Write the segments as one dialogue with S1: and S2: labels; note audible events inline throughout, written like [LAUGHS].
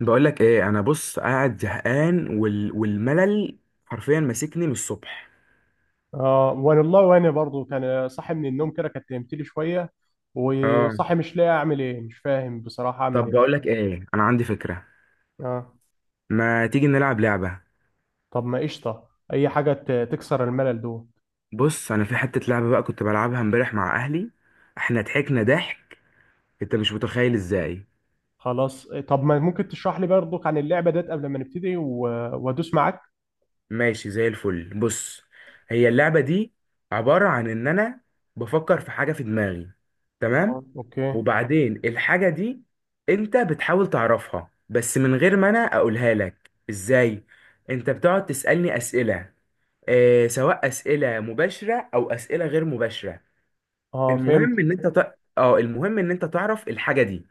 S1: بقول لك ايه. انا بص قاعد زهقان والملل حرفيا ماسكني من الصبح.
S2: اه والله، وانا برضو كان صاحي من النوم كده. كانت نمت لي شويه
S1: اه.
S2: وصاحي مش لاقي اعمل ايه، مش فاهم بصراحه اعمل
S1: طب بقول
S2: ايه.
S1: لك ايه، انا عندي فكرة،
S2: اه.
S1: ما تيجي نلعب لعبة.
S2: طب ما قشطه، اي حاجه تكسر الملل دوت.
S1: بص انا في حتة لعبة بقى كنت بلعبها امبارح مع اهلي، احنا ضحكنا ضحك انت مش متخيل ازاي.
S2: خلاص، طب ما ممكن تشرح لي برضو عن اللعبه ديت قبل ما نبتدي وادوس معاك.
S1: ماشي زي الفل. بص، هي اللعبة دي عبارة عن إن أنا بفكر في حاجة في دماغي،
S2: اه
S1: تمام،
S2: اوكي.
S1: وبعدين الحاجة دي أنت بتحاول تعرفها بس من غير ما أنا أقولها لك. إزاي؟ أنت بتقعد تسألني أسئلة، آه سواء أسئلة مباشرة أو أسئلة غير مباشرة.
S2: اه
S1: المهم
S2: فهمت.
S1: إن أنت ت... آه المهم إن أنت تعرف الحاجة دي.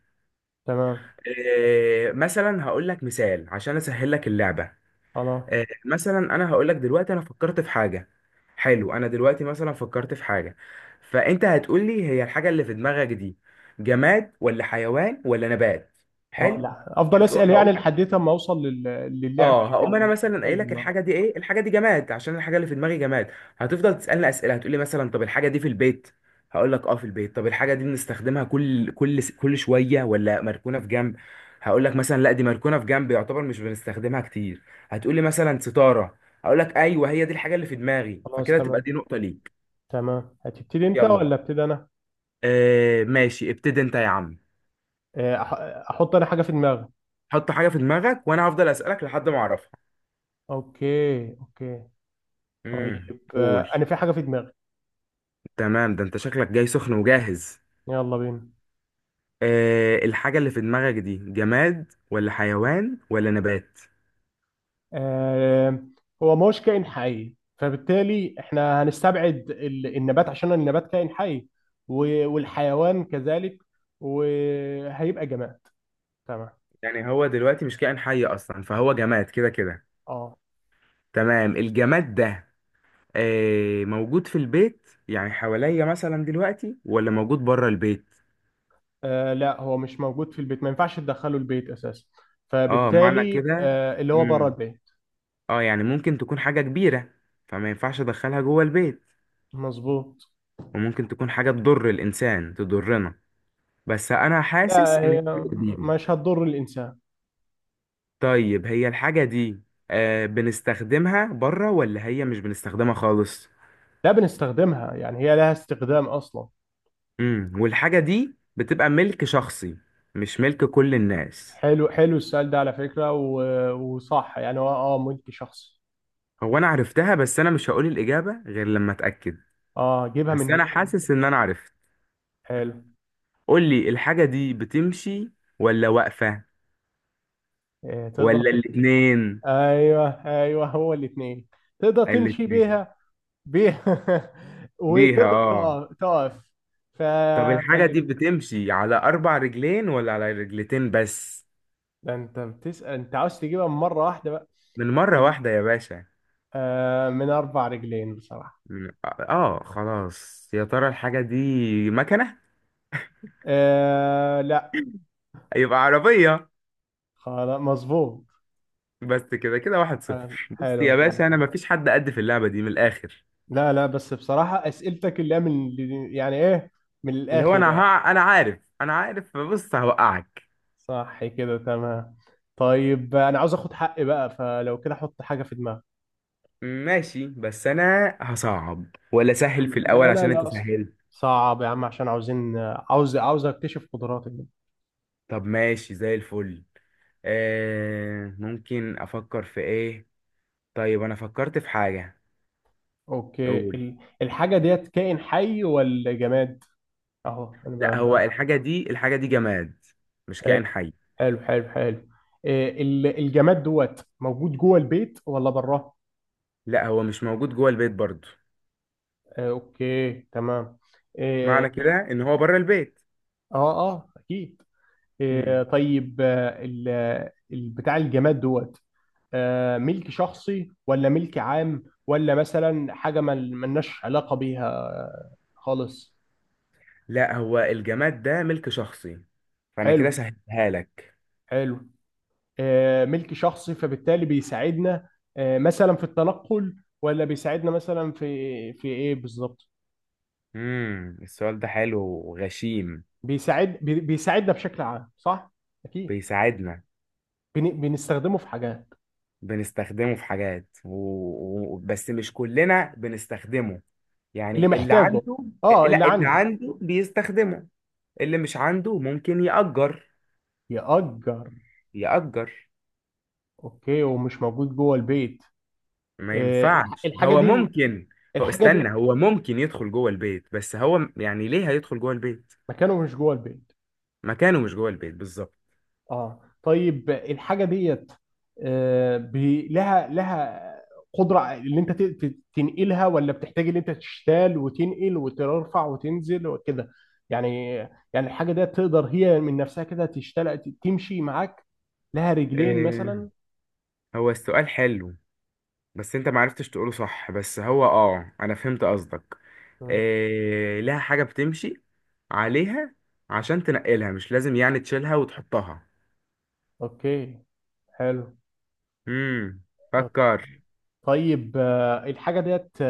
S2: تمام.
S1: آه مثلا هقول لك مثال عشان أسهل لك اللعبة.
S2: خلاص.
S1: آه، مثلا انا هقول لك دلوقتي انا فكرت في حاجه. حلو، انا دلوقتي مثلا فكرت في حاجه، فانت هتقول لي هي الحاجه اللي في دماغك دي جماد ولا حيوان ولا نبات.
S2: اه
S1: حلو،
S2: لا، افضل اسال
S1: هتقول
S2: يعني لحد ما اوصل للعبه
S1: اه، هقوم انا مثلا
S2: للحاجه اللي
S1: قايل
S2: في
S1: لك
S2: دماغي.
S1: الحاجه دي ايه، الحاجه دي جماد عشان الحاجه اللي في دماغي جماد. هتفضل تسالني اسئله، هتقول لي مثلا طب الحاجه دي في البيت؟ هقول لك اه في البيت. طب الحاجه دي بنستخدمها كل شويه ولا مركونه في جنب؟ هقول لك مثلا لا دي مركونه في جنب يعتبر مش بنستخدمها كتير. هتقول لي مثلا ستاره، هقول لك ايوه هي دي الحاجه اللي في دماغي،
S2: خلاص
S1: فكده تبقى
S2: تمام.
S1: دي نقطه ليك.
S2: تمام، هتبتدي انت
S1: يلا.
S2: ولا ابتدي انا؟
S1: آه ماشي، ابتدي انت يا عم.
S2: احط انا حاجه في دماغي.
S1: حط حاجه في دماغك وانا هفضل اسالك لحد ما اعرفها.
S2: اوكي اوكي. طيب
S1: قول.
S2: انا في حاجه في دماغي.
S1: تمام، ده انت شكلك جاي سخن وجاهز.
S2: يلا بينا.
S1: أه، الحاجة اللي في دماغك دي جماد ولا حيوان ولا نبات؟
S2: آه، هو ما هوش كائن حي، فبالتالي احنا هنستبعد النبات عشان النبات كائن حي، والحيوان كذلك، وهيبقى جماد. تمام.
S1: يعني هو دلوقتي مش كائن حي أصلا فهو جماد كده كده.
S2: اه
S1: تمام. الجماد ده أه موجود في البيت يعني حواليا مثلا دلوقتي، ولا موجود بره البيت؟
S2: لا، هو مش موجود في البيت، ما ينفعش تدخله البيت اساسا،
S1: اه، معنى
S2: فبالتالي
S1: كده.
S2: اللي هو بره
S1: امم،
S2: البيت.
S1: اه يعني ممكن تكون حاجة كبيرة فما ينفعش أدخلها جوه البيت،
S2: مظبوط.
S1: وممكن تكون حاجة تضر الإنسان تضرنا، بس أنا حاسس
S2: لا،
S1: إن
S2: هي
S1: هي كبيرة.
S2: مش هتضر الانسان.
S1: طيب، هي الحاجة دي آه بنستخدمها بره ولا هي مش بنستخدمها خالص؟
S2: لا بنستخدمها، يعني هي لها استخدام اصلا.
S1: امم، والحاجة دي بتبقى ملك شخصي مش ملك كل الناس؟
S2: حلو، حلو السؤال ده على فكرة وصح. يعني هو اه ملك شخصي.
S1: هو انا عرفتها بس انا مش هقول الإجابة غير لما اتأكد.
S2: اه جيبها من
S1: بس
S2: هنا.
S1: انا حاسس ان انا عرفت.
S2: حلو.
S1: قول لي، الحاجة دي بتمشي ولا واقفة
S2: آه تقدر
S1: ولا
S2: ت...
S1: الاتنين؟
S2: ايوه ايوه، هو الاثنين، تقدر تمشي
S1: الاتنين؟
S2: بيها بيها [LAUGHS]
S1: ليها
S2: وتقدر
S1: اه.
S2: تقف تقف. ف...
S1: طب الحاجة
S2: فال...
S1: دي بتمشي على أربع رجلين ولا على رجلتين بس؟
S2: ده انت بتسأل، انت عاوز تجيبها من مرة واحدة بقى؟
S1: من مرة
S2: من
S1: واحدة يا باشا.
S2: من اربع رجلين بصراحة.
S1: خلاص، يا ترى الحاجة دي مكنة؟
S2: آه لا.
S1: يبقى عربية.
S2: خلاص مظبوط.
S1: بس كده كده واحد
S2: آه
S1: صفر. بص
S2: حلو
S1: يا
S2: كده.
S1: باشا انا مفيش حد قد في اللعبة دي من الاخر.
S2: لا لا، بس بصراحة أسئلتك اللي هي من، يعني إيه، من
S1: اللي هو
S2: الآخر
S1: انا
S2: يعني.
S1: ها انا عارف، بص هوقعك.
S2: صح كده تمام. طيب أنا عاوز آخد حقي بقى، فلو كده حط حاجة في دماغك.
S1: ماشي بس انا هصعب ولا سهل
S2: حلو،
S1: في
S2: لا
S1: الاول
S2: لا
S1: عشان انت
S2: لا، أصلا
S1: سهلت؟
S2: صعب يا عم، عشان عاوزين عاوز أكتشف قدراتك دي.
S1: طب ماشي زي الفل. آه ممكن افكر في ايه. طيب انا فكرت في حاجة.
S2: أوكي،
S1: قول.
S2: الحاجة ديت كائن حي ولا جماد؟ أهو أنا
S1: لا
S2: بقى
S1: هو الحاجة دي الحاجة دي جماد، مش
S2: آه،
S1: كائن حي.
S2: حلو حلو حلو. إيه، الجماد دوت موجود جوه البيت ولا بره؟
S1: لا هو مش موجود جوه البيت برضه.
S2: أوكي تمام.
S1: معنى
S2: إيه.
S1: كده ان هو بره البيت.
S2: اه اه اكيد. إيه،
S1: امم.
S2: طيب بتاع الجماد دوت ملك شخصي ولا ملك عام، ولا مثلا حاجة ما ملناش علاقة بيها خالص؟
S1: لا هو الجماد ده ملك شخصي، فانا كده
S2: حلو
S1: سهلها لك.
S2: حلو. ملك شخصي، فبالتالي بيساعدنا مثلا في التنقل، ولا بيساعدنا مثلا في ايه بالظبط؟
S1: امم، السؤال ده حلو وغشيم.
S2: بيساعدنا بشكل عام صح؟ اكيد.
S1: بيساعدنا،
S2: بنستخدمه في حاجات.
S1: بنستخدمه في حاجات بس مش كلنا بنستخدمه،
S2: اللي
S1: يعني اللي
S2: محتاجه.
S1: عنده.
S2: اه اللي
S1: لا اللي
S2: عندي.
S1: عنده بيستخدمه، اللي مش عنده ممكن يأجر.
S2: يأجر.
S1: يأجر.
S2: اوكي، ومش موجود جوه البيت.
S1: ما
S2: آه،
S1: ينفعش.
S2: الحاجه
S1: هو
S2: دي
S1: ممكن، هو
S2: الحاجه دي
S1: استنى، هو ممكن يدخل جوه البيت بس هو يعني ليه هيدخل جوه البيت.
S2: مكانه مش جوه البيت.
S1: مكانه مش جوه البيت بالظبط.
S2: اه طيب الحاجه ديت لها لها قدره ان انت تنقلها، ولا بتحتاج ان انت تشتال وتنقل وترفع وتنزل وكده يعني؟ يعني الحاجه ديت تقدر هي من نفسها كده تشتال تمشي معاك، لها رجلين
S1: إيه.
S2: مثلا.
S1: هو السؤال حلو بس انت معرفتش تقوله صح، بس هو اه انا فهمت قصدك.
S2: مم.
S1: إيه، لها حاجة بتمشي عليها عشان تنقلها مش لازم يعني تشيلها وتحطها.
S2: اوكي حلو.
S1: امم.
S2: آه.
S1: فكر.
S2: طيب الحاجه ديت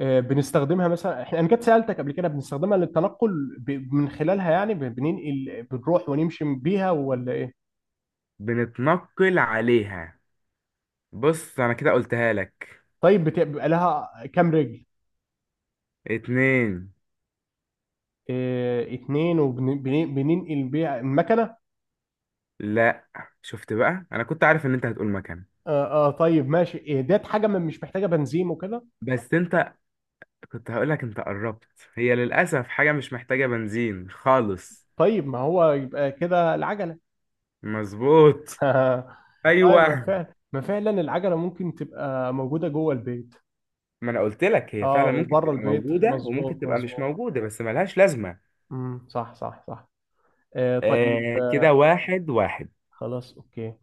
S2: بنستخدمها مثلا احنا، انا كنت سالتك قبل كده، بنستخدمها للتنقل من خلالها، يعني بننقل بنروح ونمشي بيها ولا ايه؟
S1: بنتنقل عليها. بص انا كده قلتها لك.
S2: طيب بيبقى لها كام رجل؟
S1: اتنين.
S2: إيه اتنين، وبننقل بيها المكنه؟
S1: لا. شفت بقى انا كنت عارف ان انت هتقول مكان.
S2: اه، آه طيب ماشي، إيه ديت حاجه مش محتاجه بنزين وكده؟
S1: بس انت كنت هقولك انت قربت، هي للأسف حاجة مش محتاجة بنزين خالص.
S2: طيب ما هو يبقى كده العجله.
S1: مظبوط.
S2: [LAUGHS] طيب ما
S1: ايوه.
S2: فعلا، ما فعلا العجله ممكن تبقى موجوده جوه البيت.
S1: ما انا قلت لك هي
S2: اه
S1: فعلا ممكن
S2: وبره
S1: تبقى
S2: البيت،
S1: موجودة وممكن
S2: مظبوط
S1: تبقى مش
S2: مظبوط.
S1: موجودة بس ملهاش لازمة.
S2: صح صح صح. آه طيب.
S1: آه كده واحد واحد.
S2: خلاص اوكي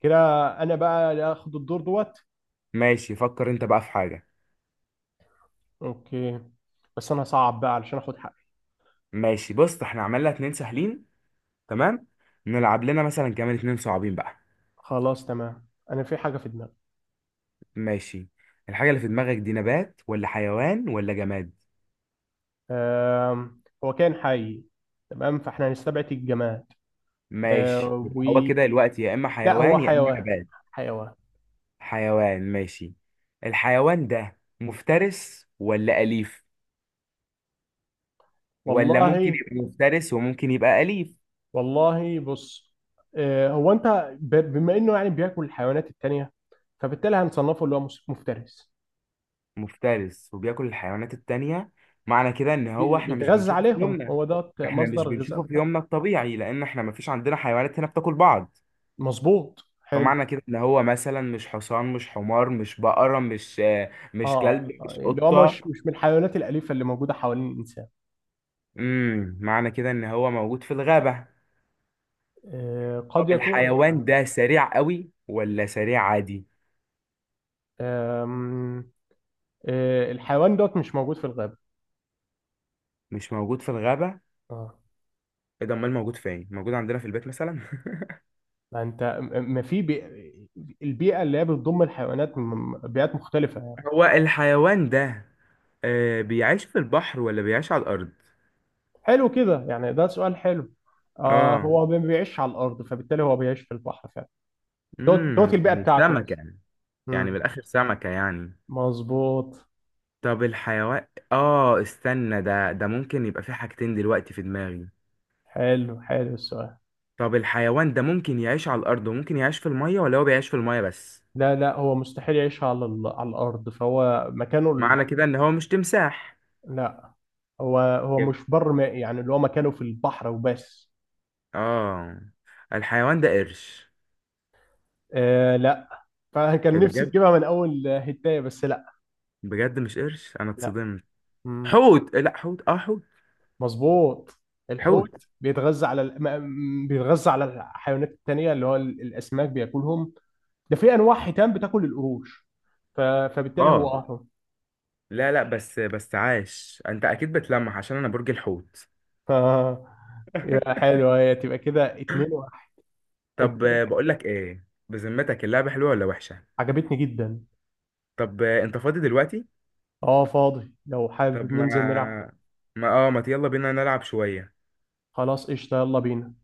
S2: كده. انا بقى اللي اخد الدور دوت.
S1: ماشي، فكر انت بقى في حاجة.
S2: اوكي، بس انا هصعب بقى علشان اخد حقي.
S1: ماشي بص احنا عملنا اتنين سهلين، تمام، نلعب لنا مثلا كمان اتنين صعبين بقى.
S2: خلاص تمام، انا في حاجه في دماغي.
S1: ماشي. الحاجة اللي في دماغك دي نبات ولا حيوان ولا جماد؟
S2: هو كان حي، تمام، فاحنا هنستبعد الجماد.
S1: ماشي
S2: آه،
S1: يبقى
S2: و
S1: هو كده الوقت يا اما
S2: لا هو
S1: حيوان يا اما
S2: حيوان.
S1: نبات.
S2: حيوان.
S1: حيوان، ماشي. الحيوان ده مفترس ولا أليف ولا ممكن
S2: والله.
S1: يبقى مفترس وممكن يبقى أليف؟
S2: والله بص، آه، هو انت بما انه يعني بياكل الحيوانات التانية فبالتالي هنصنفه اللي هو مفترس.
S1: مفترس وبياكل الحيوانات التانية، معنى كده ان هو احنا مش
S2: بيتغذى
S1: بنشوفه في
S2: عليهم،
S1: يومنا.
S2: هو ده
S1: احنا مش
S2: مصدر الغذاء
S1: بنشوفه في
S2: بتاعه.
S1: يومنا الطبيعي لان احنا مفيش عندنا حيوانات هنا بتاكل بعض.
S2: مظبوط حلو.
S1: فمعنى كده ان هو مثلا مش حصان مش حمار مش بقرة مش آه،
S2: اه
S1: مش كلب مش
S2: يعني اللي هو مش
S1: قطة.
S2: مش من الحيوانات الأليفة اللي موجودة حوالين الإنسان.
S1: امم، معنى كده ان هو موجود في الغابة. طب
S2: قد يكون.
S1: الحيوان ده سريع قوي ولا سريع عادي؟
S2: آم، آه، الحيوان دوت مش موجود في الغابة.
S1: مش موجود في الغابة؟
S2: اه.
S1: ايه ده؟ امال موجود فين، موجود عندنا في البيت مثلا؟ [LAUGHS]
S2: ما انت م- ما في بي... البيئة اللي هي بتضم الحيوانات من بيئات مختلفة يعني.
S1: هو الحيوان ده آه بيعيش في البحر ولا بيعيش على الأرض؟
S2: حلو كده، يعني ده سؤال حلو. آه،
S1: اه.
S2: هو ما بيعيش على الأرض، فبالتالي هو بيعيش في البحر فعلا. دوت دوت
S1: امم،
S2: البيئة
S1: يعني
S2: بتاعته
S1: سمكة
S2: أصلا.
S1: يعني. يعني من
S2: مم.
S1: الآخر سمكة يعني.
S2: مظبوط.
S1: طب الحيوان اه استنى، ده ده ممكن يبقى في حاجتين دلوقتي في دماغي.
S2: حلو حلو السؤال.
S1: طب الحيوان ده ممكن يعيش على الأرض وممكن يعيش في المية ولا هو بيعيش في المية بس؟
S2: لا لا، هو مستحيل يعيش على الأرض، فهو مكانه.
S1: معنى كده ان هو مش تمساح.
S2: لا، هو مش
S1: يب-
S2: بر مائي، يعني اللي هو مكانه في البحر وبس.
S1: اه، الحيوان ده قرش؟
S2: آه لا. فكان نفسي
S1: بجد؟
S2: تجيبها من اول هتاية، بس لا.
S1: بجد مش قرش؟ انا
S2: لا.
S1: اتصدمت.
S2: مم.
S1: حوت، لا حوت، اه حوت.
S2: مظبوط. الحوت
S1: حوت.
S2: بيتغذى على ال... ما- م- بيتغذى على الحيوانات التانية، اللي هو الاسماك بياكلهم. ده في انواع حيتان بتاكل القروش، فبالتالي
S1: اه
S2: هو اهرم.
S1: لا لا بس بس عاش، انت اكيد بتلمح عشان انا برج الحوت.
S2: ف... يا حلو، هي تبقى كده اتنين واحد. انت
S1: طب
S2: كده
S1: آه، بقول لك ايه، بذمتك اللعبة حلوة ولا وحشة؟
S2: عجبتني جدا.
S1: طب آه، انت فاضي دلوقتي؟
S2: اه فاضي، لو
S1: طب
S2: حابب
S1: ما،
S2: ننزل نلعب.
S1: ما يلا بينا نلعب شوية.
S2: خلاص قشطة، يلا بينا.